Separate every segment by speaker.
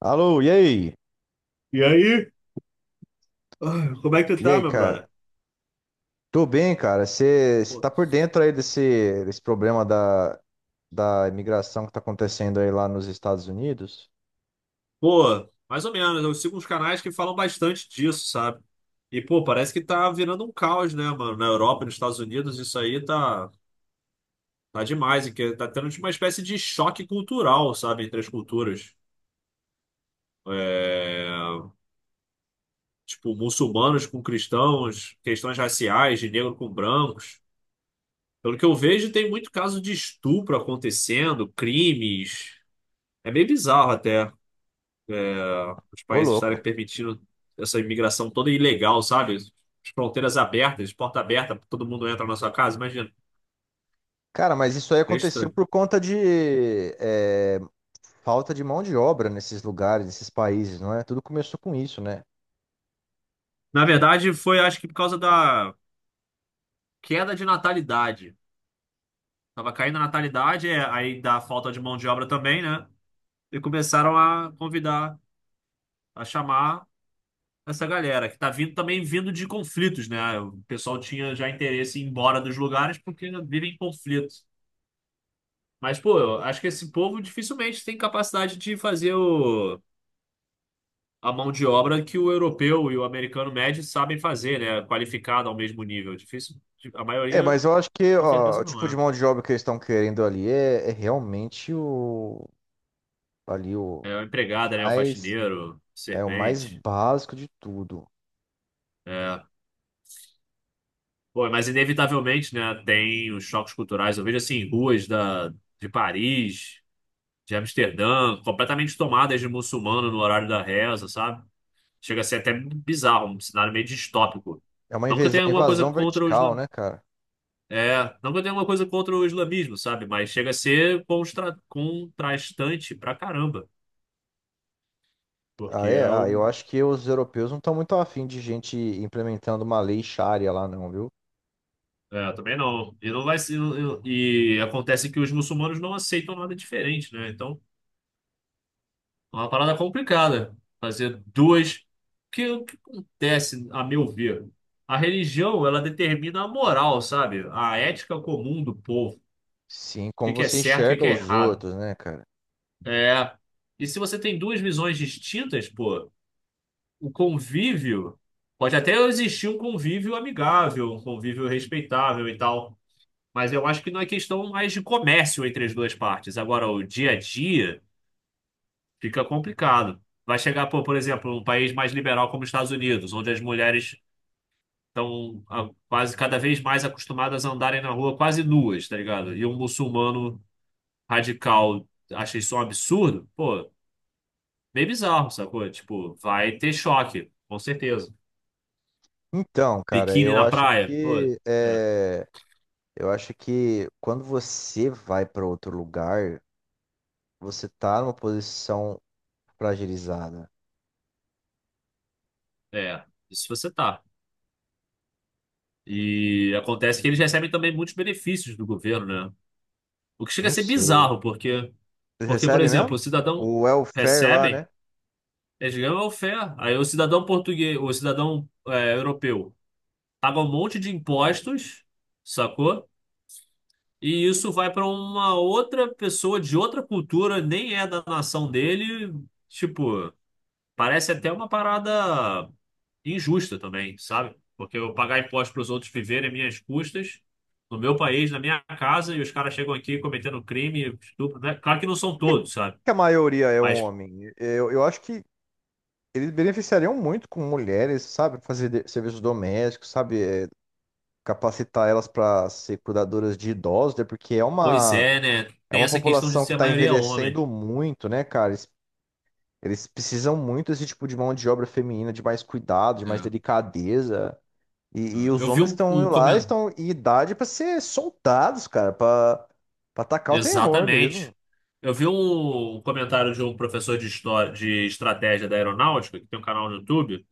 Speaker 1: Alô, e aí?
Speaker 2: E aí? Ah, como é que tu
Speaker 1: E
Speaker 2: tá,
Speaker 1: aí,
Speaker 2: meu
Speaker 1: cara?
Speaker 2: brother?
Speaker 1: Tô bem, cara. Você
Speaker 2: Pô,
Speaker 1: tá por dentro aí desse problema da imigração que tá acontecendo aí lá nos Estados Unidos?
Speaker 2: pô, mais ou menos. Eu sigo uns canais que falam bastante disso, sabe? E, pô, parece que tá virando um caos, né, mano? Na Europa, nos Estados Unidos, isso aí tá demais. E que tá tendo tipo, uma espécie de choque cultural, sabe? Entre as culturas. É, tipo, muçulmanos com cristãos, questões raciais, de negro com brancos. Pelo que eu vejo, tem muito caso de estupro acontecendo, crimes. É meio bizarro até os
Speaker 1: Ô,
Speaker 2: países
Speaker 1: louco.
Speaker 2: estarem permitindo essa imigração toda ilegal, sabe? As fronteiras abertas, porta aberta, todo mundo entra na sua casa, imagina.
Speaker 1: Cara, mas isso aí
Speaker 2: É
Speaker 1: aconteceu
Speaker 2: estranho.
Speaker 1: por conta de é, falta de mão de obra nesses lugares, nesses países, não é? Tudo começou com isso, né?
Speaker 2: Na verdade, foi acho que por causa da queda de natalidade. Tava caindo a natalidade, é, aí da falta de mão de obra também, né? E começaram a convidar, a chamar essa galera, que tá vindo também vindo de conflitos, né? O pessoal tinha já interesse em ir embora dos lugares porque vivem em conflitos. Mas, pô, eu acho que esse povo dificilmente tem capacidade de fazer o a mão de obra que o europeu e o americano médio sabem fazer, né? Qualificado ao mesmo nível. Difícil, a
Speaker 1: É,
Speaker 2: maioria
Speaker 1: mas eu acho que
Speaker 2: com
Speaker 1: ó, o
Speaker 2: certeza não
Speaker 1: tipo de
Speaker 2: é.
Speaker 1: mão de obra que eles estão querendo ali é realmente o ali
Speaker 2: É o
Speaker 1: o
Speaker 2: empregada, né? O
Speaker 1: mais
Speaker 2: faxineiro,
Speaker 1: é o mais
Speaker 2: servente.
Speaker 1: básico de tudo.
Speaker 2: É. Pô, mas inevitavelmente, né? Tem os choques culturais. Eu vejo assim, ruas da, de Paris, de Amsterdã, completamente tomadas de muçulmano no horário da reza, sabe? Chega a ser até bizarro, um cenário meio distópico.
Speaker 1: É uma
Speaker 2: Não que eu tenha alguma coisa
Speaker 1: invasão
Speaker 2: contra os
Speaker 1: vertical, né, cara?
Speaker 2: É, não que eu tenha alguma coisa contra o islamismo, sabe? Mas chega a ser contrastante pra caramba.
Speaker 1: Ah,
Speaker 2: Porque é
Speaker 1: é? Ah,
Speaker 2: o.
Speaker 1: eu acho que os europeus não estão muito afim de gente implementando uma lei Sharia lá, não, viu?
Speaker 2: É, também não. E não vai ser. E acontece que os muçulmanos não aceitam nada diferente, né? Então, é uma parada complicada. Fazer duas. Porque o que acontece, a meu ver? A religião, ela determina a moral, sabe? A ética comum do povo. O
Speaker 1: Sim,
Speaker 2: que
Speaker 1: como
Speaker 2: que é
Speaker 1: você
Speaker 2: certo, o que
Speaker 1: enxerga
Speaker 2: que é
Speaker 1: os
Speaker 2: errado.
Speaker 1: outros, né, cara?
Speaker 2: É. E se você tem duas visões distintas, pô, o convívio, pode até existir um convívio amigável, um convívio respeitável e tal, mas eu acho que não é questão mais de comércio entre as duas partes. Agora, o dia a dia fica complicado. Vai chegar, pô, por exemplo, um país mais liberal como os Estados Unidos, onde as mulheres estão quase cada vez mais acostumadas a andarem na rua quase nuas, tá ligado? E um muçulmano radical acha isso um absurdo, pô, meio bizarro, sacou? Tipo, vai ter choque, com certeza.
Speaker 1: Então, cara,
Speaker 2: Biquíni na praia? Pô, é,
Speaker 1: eu acho que quando você vai para outro lugar, você tá numa posição fragilizada.
Speaker 2: é, isso você tá. E acontece que eles recebem também muitos benefícios do governo, né? O que chega a
Speaker 1: Não
Speaker 2: ser
Speaker 1: sei.
Speaker 2: bizarro, porque,
Speaker 1: Vocês
Speaker 2: porque, por
Speaker 1: recebem
Speaker 2: exemplo, o
Speaker 1: mesmo?
Speaker 2: cidadão
Speaker 1: O welfare lá,
Speaker 2: recebem,
Speaker 1: né?
Speaker 2: eles ganham welfare. Aí o cidadão português, o cidadão é, europeu, paga um monte de impostos, sacou? E isso vai para uma outra pessoa de outra cultura, nem é da nação dele. Tipo, parece até uma parada e injusta também, sabe? Porque eu pagar imposto para os outros viverem às minhas custas, no meu país, na minha casa, e os caras chegam aqui cometendo crime, estupro, né? Claro que não são
Speaker 1: Por que
Speaker 2: todos, sabe?
Speaker 1: que a maioria é um
Speaker 2: Mas,
Speaker 1: homem? Eu acho que eles beneficiariam muito com mulheres, sabe? Fazer serviços domésticos, sabe? É, capacitar elas para ser cuidadoras de idosos, né? Porque
Speaker 2: pois é, né?
Speaker 1: é
Speaker 2: Tem
Speaker 1: uma
Speaker 2: essa questão de
Speaker 1: população que
Speaker 2: ser a
Speaker 1: está
Speaker 2: maioria homem.
Speaker 1: envelhecendo muito, né, cara? Eles precisam muito desse tipo de mão de obra feminina, de mais cuidado, de mais
Speaker 2: É,
Speaker 1: delicadeza.
Speaker 2: é.
Speaker 1: E os
Speaker 2: Eu vi
Speaker 1: homens
Speaker 2: um,
Speaker 1: estão
Speaker 2: um
Speaker 1: lá,
Speaker 2: comentário.
Speaker 1: estão em idade para ser soldados, cara, para atacar o terror mesmo.
Speaker 2: Exatamente. Eu vi um comentário de um professor de história, de estratégia da aeronáutica, que tem um canal no YouTube,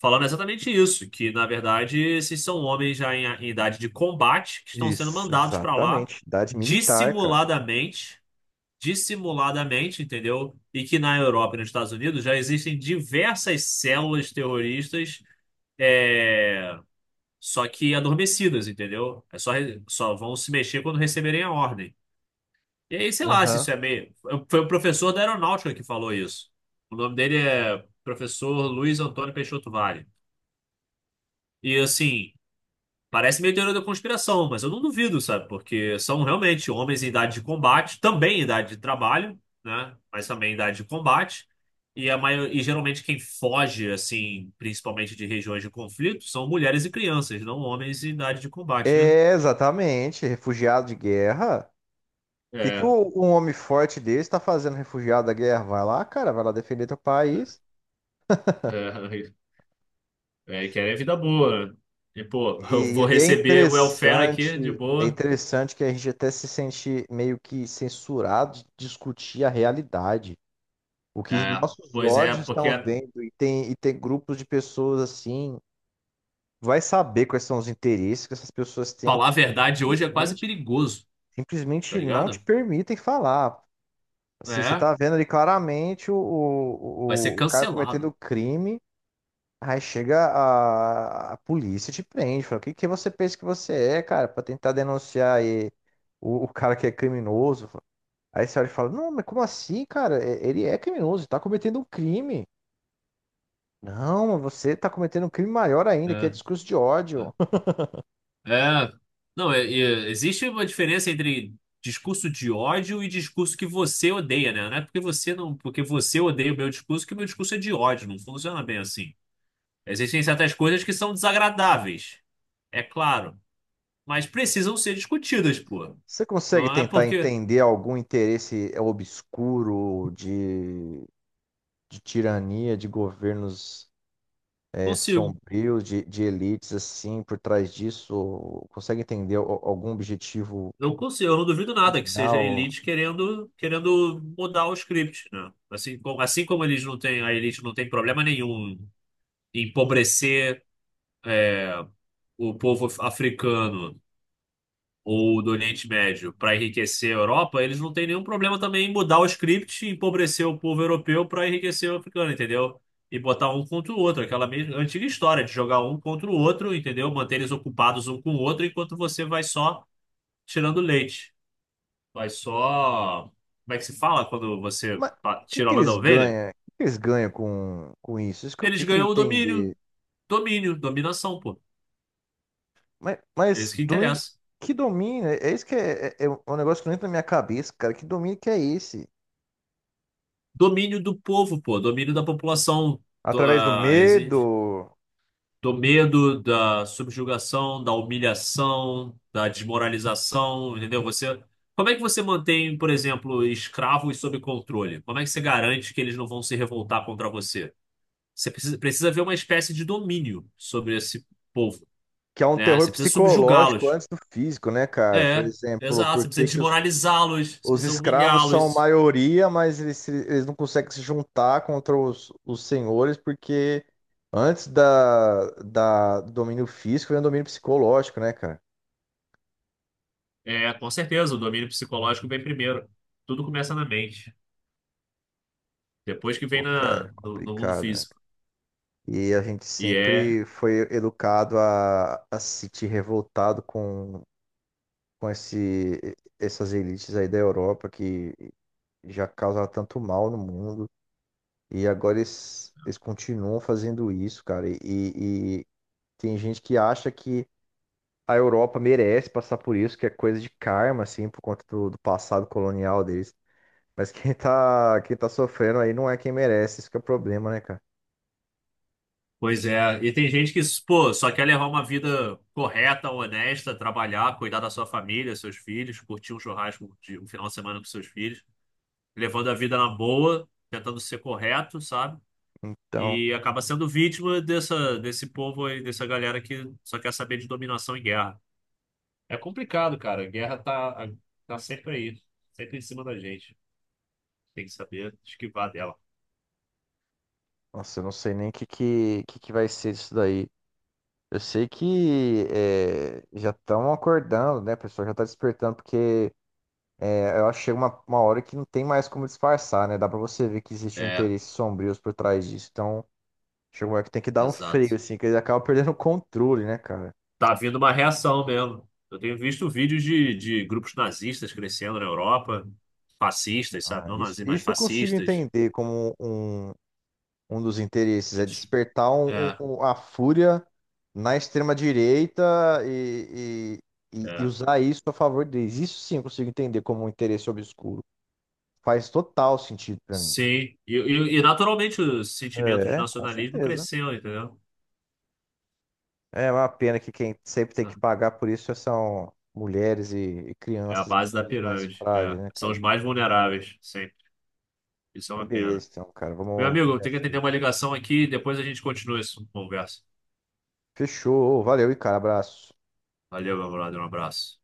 Speaker 2: falando exatamente isso, que na verdade esses são homens já em idade de combate que estão sendo
Speaker 1: Isso,
Speaker 2: mandados para lá
Speaker 1: exatamente. Idade militar, cara.
Speaker 2: dissimuladamente, dissimuladamente, entendeu? E que na Europa e nos Estados Unidos já existem diversas células terroristas, é, só que adormecidas, entendeu? É só, só vão se mexer quando receberem a ordem. E aí, sei lá se
Speaker 1: Aham.
Speaker 2: isso é meio. Foi o professor da aeronáutica que falou isso. O nome dele é professor Luiz Antônio Peixoto Vale. E assim. Parece meio teoria da conspiração, mas eu não duvido, sabe? Porque são realmente homens em idade de combate, também em idade de trabalho, né? Mas também em idade de combate. E a maior... e geralmente quem foge, assim, principalmente de regiões de conflito, são mulheres e crianças, não homens em idade de combate, né?
Speaker 1: É, exatamente, refugiado de guerra. O que que
Speaker 2: É,
Speaker 1: um homem forte desse está fazendo refugiado da guerra? Vai lá, cara, vai lá defender teu país.
Speaker 2: é, é, querem vida boa, né? E, pô, eu vou
Speaker 1: E
Speaker 2: receber welfare aqui de
Speaker 1: é
Speaker 2: boa.
Speaker 1: interessante que a gente até se sente meio que censurado de discutir a realidade. O que
Speaker 2: É,
Speaker 1: nossos
Speaker 2: pois é,
Speaker 1: olhos
Speaker 2: porque
Speaker 1: estão vendo, e tem grupos de pessoas assim, vai saber quais são os interesses que essas pessoas têm
Speaker 2: falar a
Speaker 1: que
Speaker 2: verdade hoje é quase
Speaker 1: simplesmente,
Speaker 2: perigoso, tá
Speaker 1: simplesmente não te
Speaker 2: ligado?
Speaker 1: permitem falar. Assim, você
Speaker 2: É,
Speaker 1: tá vendo ali claramente
Speaker 2: vai ser
Speaker 1: o cara
Speaker 2: cancelado.
Speaker 1: cometendo crime. Aí chega a polícia e te prende. Fala, o que você pensa que você é, cara, pra tentar denunciar aí o cara que é criminoso? Aí você olha e fala, não, mas como assim, cara? Ele é criminoso, tá cometendo um crime. Não, mas você tá cometendo um crime maior ainda, que é
Speaker 2: É.
Speaker 1: discurso de ódio.
Speaker 2: É, não, é- é- existe uma diferença entre discurso de ódio e discurso que você odeia, né? Não é porque você não, porque você odeia o meu discurso que o meu discurso é de ódio, não funciona bem assim. Existem certas coisas que são desagradáveis, é claro, mas precisam ser discutidas, pô.
Speaker 1: Você consegue
Speaker 2: Não é
Speaker 1: tentar
Speaker 2: porque
Speaker 1: entender algum interesse obscuro de tirania de governos? É,
Speaker 2: consigo,
Speaker 1: sombrios de elites assim por trás disso? Consegue entender algum objetivo
Speaker 2: não consigo, eu não duvido nada que seja a
Speaker 1: final?
Speaker 2: elite querendo mudar o script, né? Assim como eles não têm, a elite não tem problema nenhum em empobrecer o povo africano ou do Oriente Médio para enriquecer a Europa, eles não têm nenhum problema também em mudar o script e empobrecer o povo europeu para enriquecer o africano, entendeu? E botar um contra o outro, aquela mesma antiga história de jogar um contra o outro, entendeu? Manter eles ocupados um com o outro enquanto você vai só tirando leite. Vai só. Como é que se fala quando você
Speaker 1: Mas o que
Speaker 2: tira a
Speaker 1: que
Speaker 2: lã da
Speaker 1: eles
Speaker 2: ovelha?
Speaker 1: ganham? O que que eles ganham com isso? Isso que eu, que
Speaker 2: Eles
Speaker 1: eu queria
Speaker 2: ganham o
Speaker 1: entender.
Speaker 2: domínio. Domínio, dominação, pô.
Speaker 1: Mas,
Speaker 2: É isso
Speaker 1: mas
Speaker 2: que
Speaker 1: domínio,
Speaker 2: interessa.
Speaker 1: que domínio? É é isso que é, é, é um negócio que não entra na minha cabeça, cara. Que domínio que é esse?
Speaker 2: Domínio do povo, pô, domínio da população, do,
Speaker 1: Através do
Speaker 2: ah,
Speaker 1: medo,
Speaker 2: do medo, da subjugação, da humilhação, da desmoralização, entendeu? Você, como é que você mantém, por exemplo, escravos sob controle? Como é que você garante que eles não vão se revoltar contra você? Você precisa ver uma espécie de domínio sobre esse povo,
Speaker 1: que é um
Speaker 2: né?
Speaker 1: terror
Speaker 2: Você precisa
Speaker 1: psicológico
Speaker 2: subjugá-los.
Speaker 1: antes do físico, né, cara? Por
Speaker 2: É,
Speaker 1: exemplo,
Speaker 2: exato.
Speaker 1: por
Speaker 2: Você precisa
Speaker 1: que que os
Speaker 2: desmoralizá-los, você
Speaker 1: Os
Speaker 2: precisa
Speaker 1: escravos são
Speaker 2: humilhá-los.
Speaker 1: maioria, mas eles, eles não conseguem se juntar contra os senhores, porque antes da, da do domínio físico vem o domínio psicológico, né, cara?
Speaker 2: É, com certeza, o domínio psicológico vem primeiro. Tudo começa na mente. Depois que vem
Speaker 1: Pô,
Speaker 2: na,
Speaker 1: cara,
Speaker 2: no, no mundo
Speaker 1: complicado, né?
Speaker 2: físico.
Speaker 1: E a gente
Speaker 2: E é.
Speaker 1: sempre foi educado a se sentir revoltado com esse, essas elites aí da Europa que já causaram tanto mal no mundo. E agora eles continuam fazendo isso, cara. E tem gente que acha que a Europa merece passar por isso, que é coisa de karma, assim, por conta do passado colonial deles. Mas quem tá sofrendo aí não é quem merece, isso que é o problema, né, cara?
Speaker 2: Pois é. E tem gente que, pô, só quer levar uma vida correta, honesta, trabalhar, cuidar da sua família, seus filhos, curtir um churrasco de um final de semana com seus filhos, levando a vida na boa, tentando ser correto, sabe?
Speaker 1: Então,
Speaker 2: E acaba sendo vítima dessa, desse povo aí, dessa galera que só quer saber de dominação e guerra. É complicado, cara. A guerra tá, tá sempre aí, sempre em cima da gente. Tem que saber esquivar dela.
Speaker 1: nossa, eu não sei nem o que, que vai ser disso daí. Eu sei que já estão acordando, né, o pessoal? Já tá despertando, porque é, eu acho que chega uma hora que não tem mais como disfarçar, né? Dá pra você ver que existem
Speaker 2: É,
Speaker 1: interesses sombrios por trás disso. Então, chega uma hora que tem que dar um freio,
Speaker 2: exato.
Speaker 1: assim, que eles acabam perdendo o controle, né, cara?
Speaker 2: Tá vindo uma reação mesmo. Eu tenho visto vídeos de grupos nazistas crescendo na Europa, fascistas, sabe?
Speaker 1: Ah,
Speaker 2: Não nazis, mas
Speaker 1: isso eu consigo
Speaker 2: fascistas.
Speaker 1: entender como um dos interesses, é despertar
Speaker 2: É,
Speaker 1: a fúria na extrema-direita e, e
Speaker 2: é.
Speaker 1: usar isso a favor deles. Isso sim eu consigo entender como um interesse obscuro. Faz total sentido pra mim.
Speaker 2: Sim. E naturalmente o sentimento de
Speaker 1: É, com
Speaker 2: nacionalismo
Speaker 1: certeza.
Speaker 2: cresceu, entendeu?
Speaker 1: É uma pena que quem sempre tem que pagar por isso são mulheres e
Speaker 2: É a
Speaker 1: crianças e
Speaker 2: base da
Speaker 1: pessoas mais
Speaker 2: pirâmide. É.
Speaker 1: frágeis, né,
Speaker 2: São os
Speaker 1: cara?
Speaker 2: mais vulneráveis, sempre. Isso é
Speaker 1: Mas
Speaker 2: uma pena.
Speaker 1: beleza, então, cara,
Speaker 2: Meu amigo,
Speaker 1: vamos
Speaker 2: eu tenho que
Speaker 1: nessa
Speaker 2: atender
Speaker 1: aí.
Speaker 2: uma ligação aqui, depois a gente continua essa conversa.
Speaker 1: Fechou, valeu e cara, abraço.
Speaker 2: Valeu, meu brother, um abraço.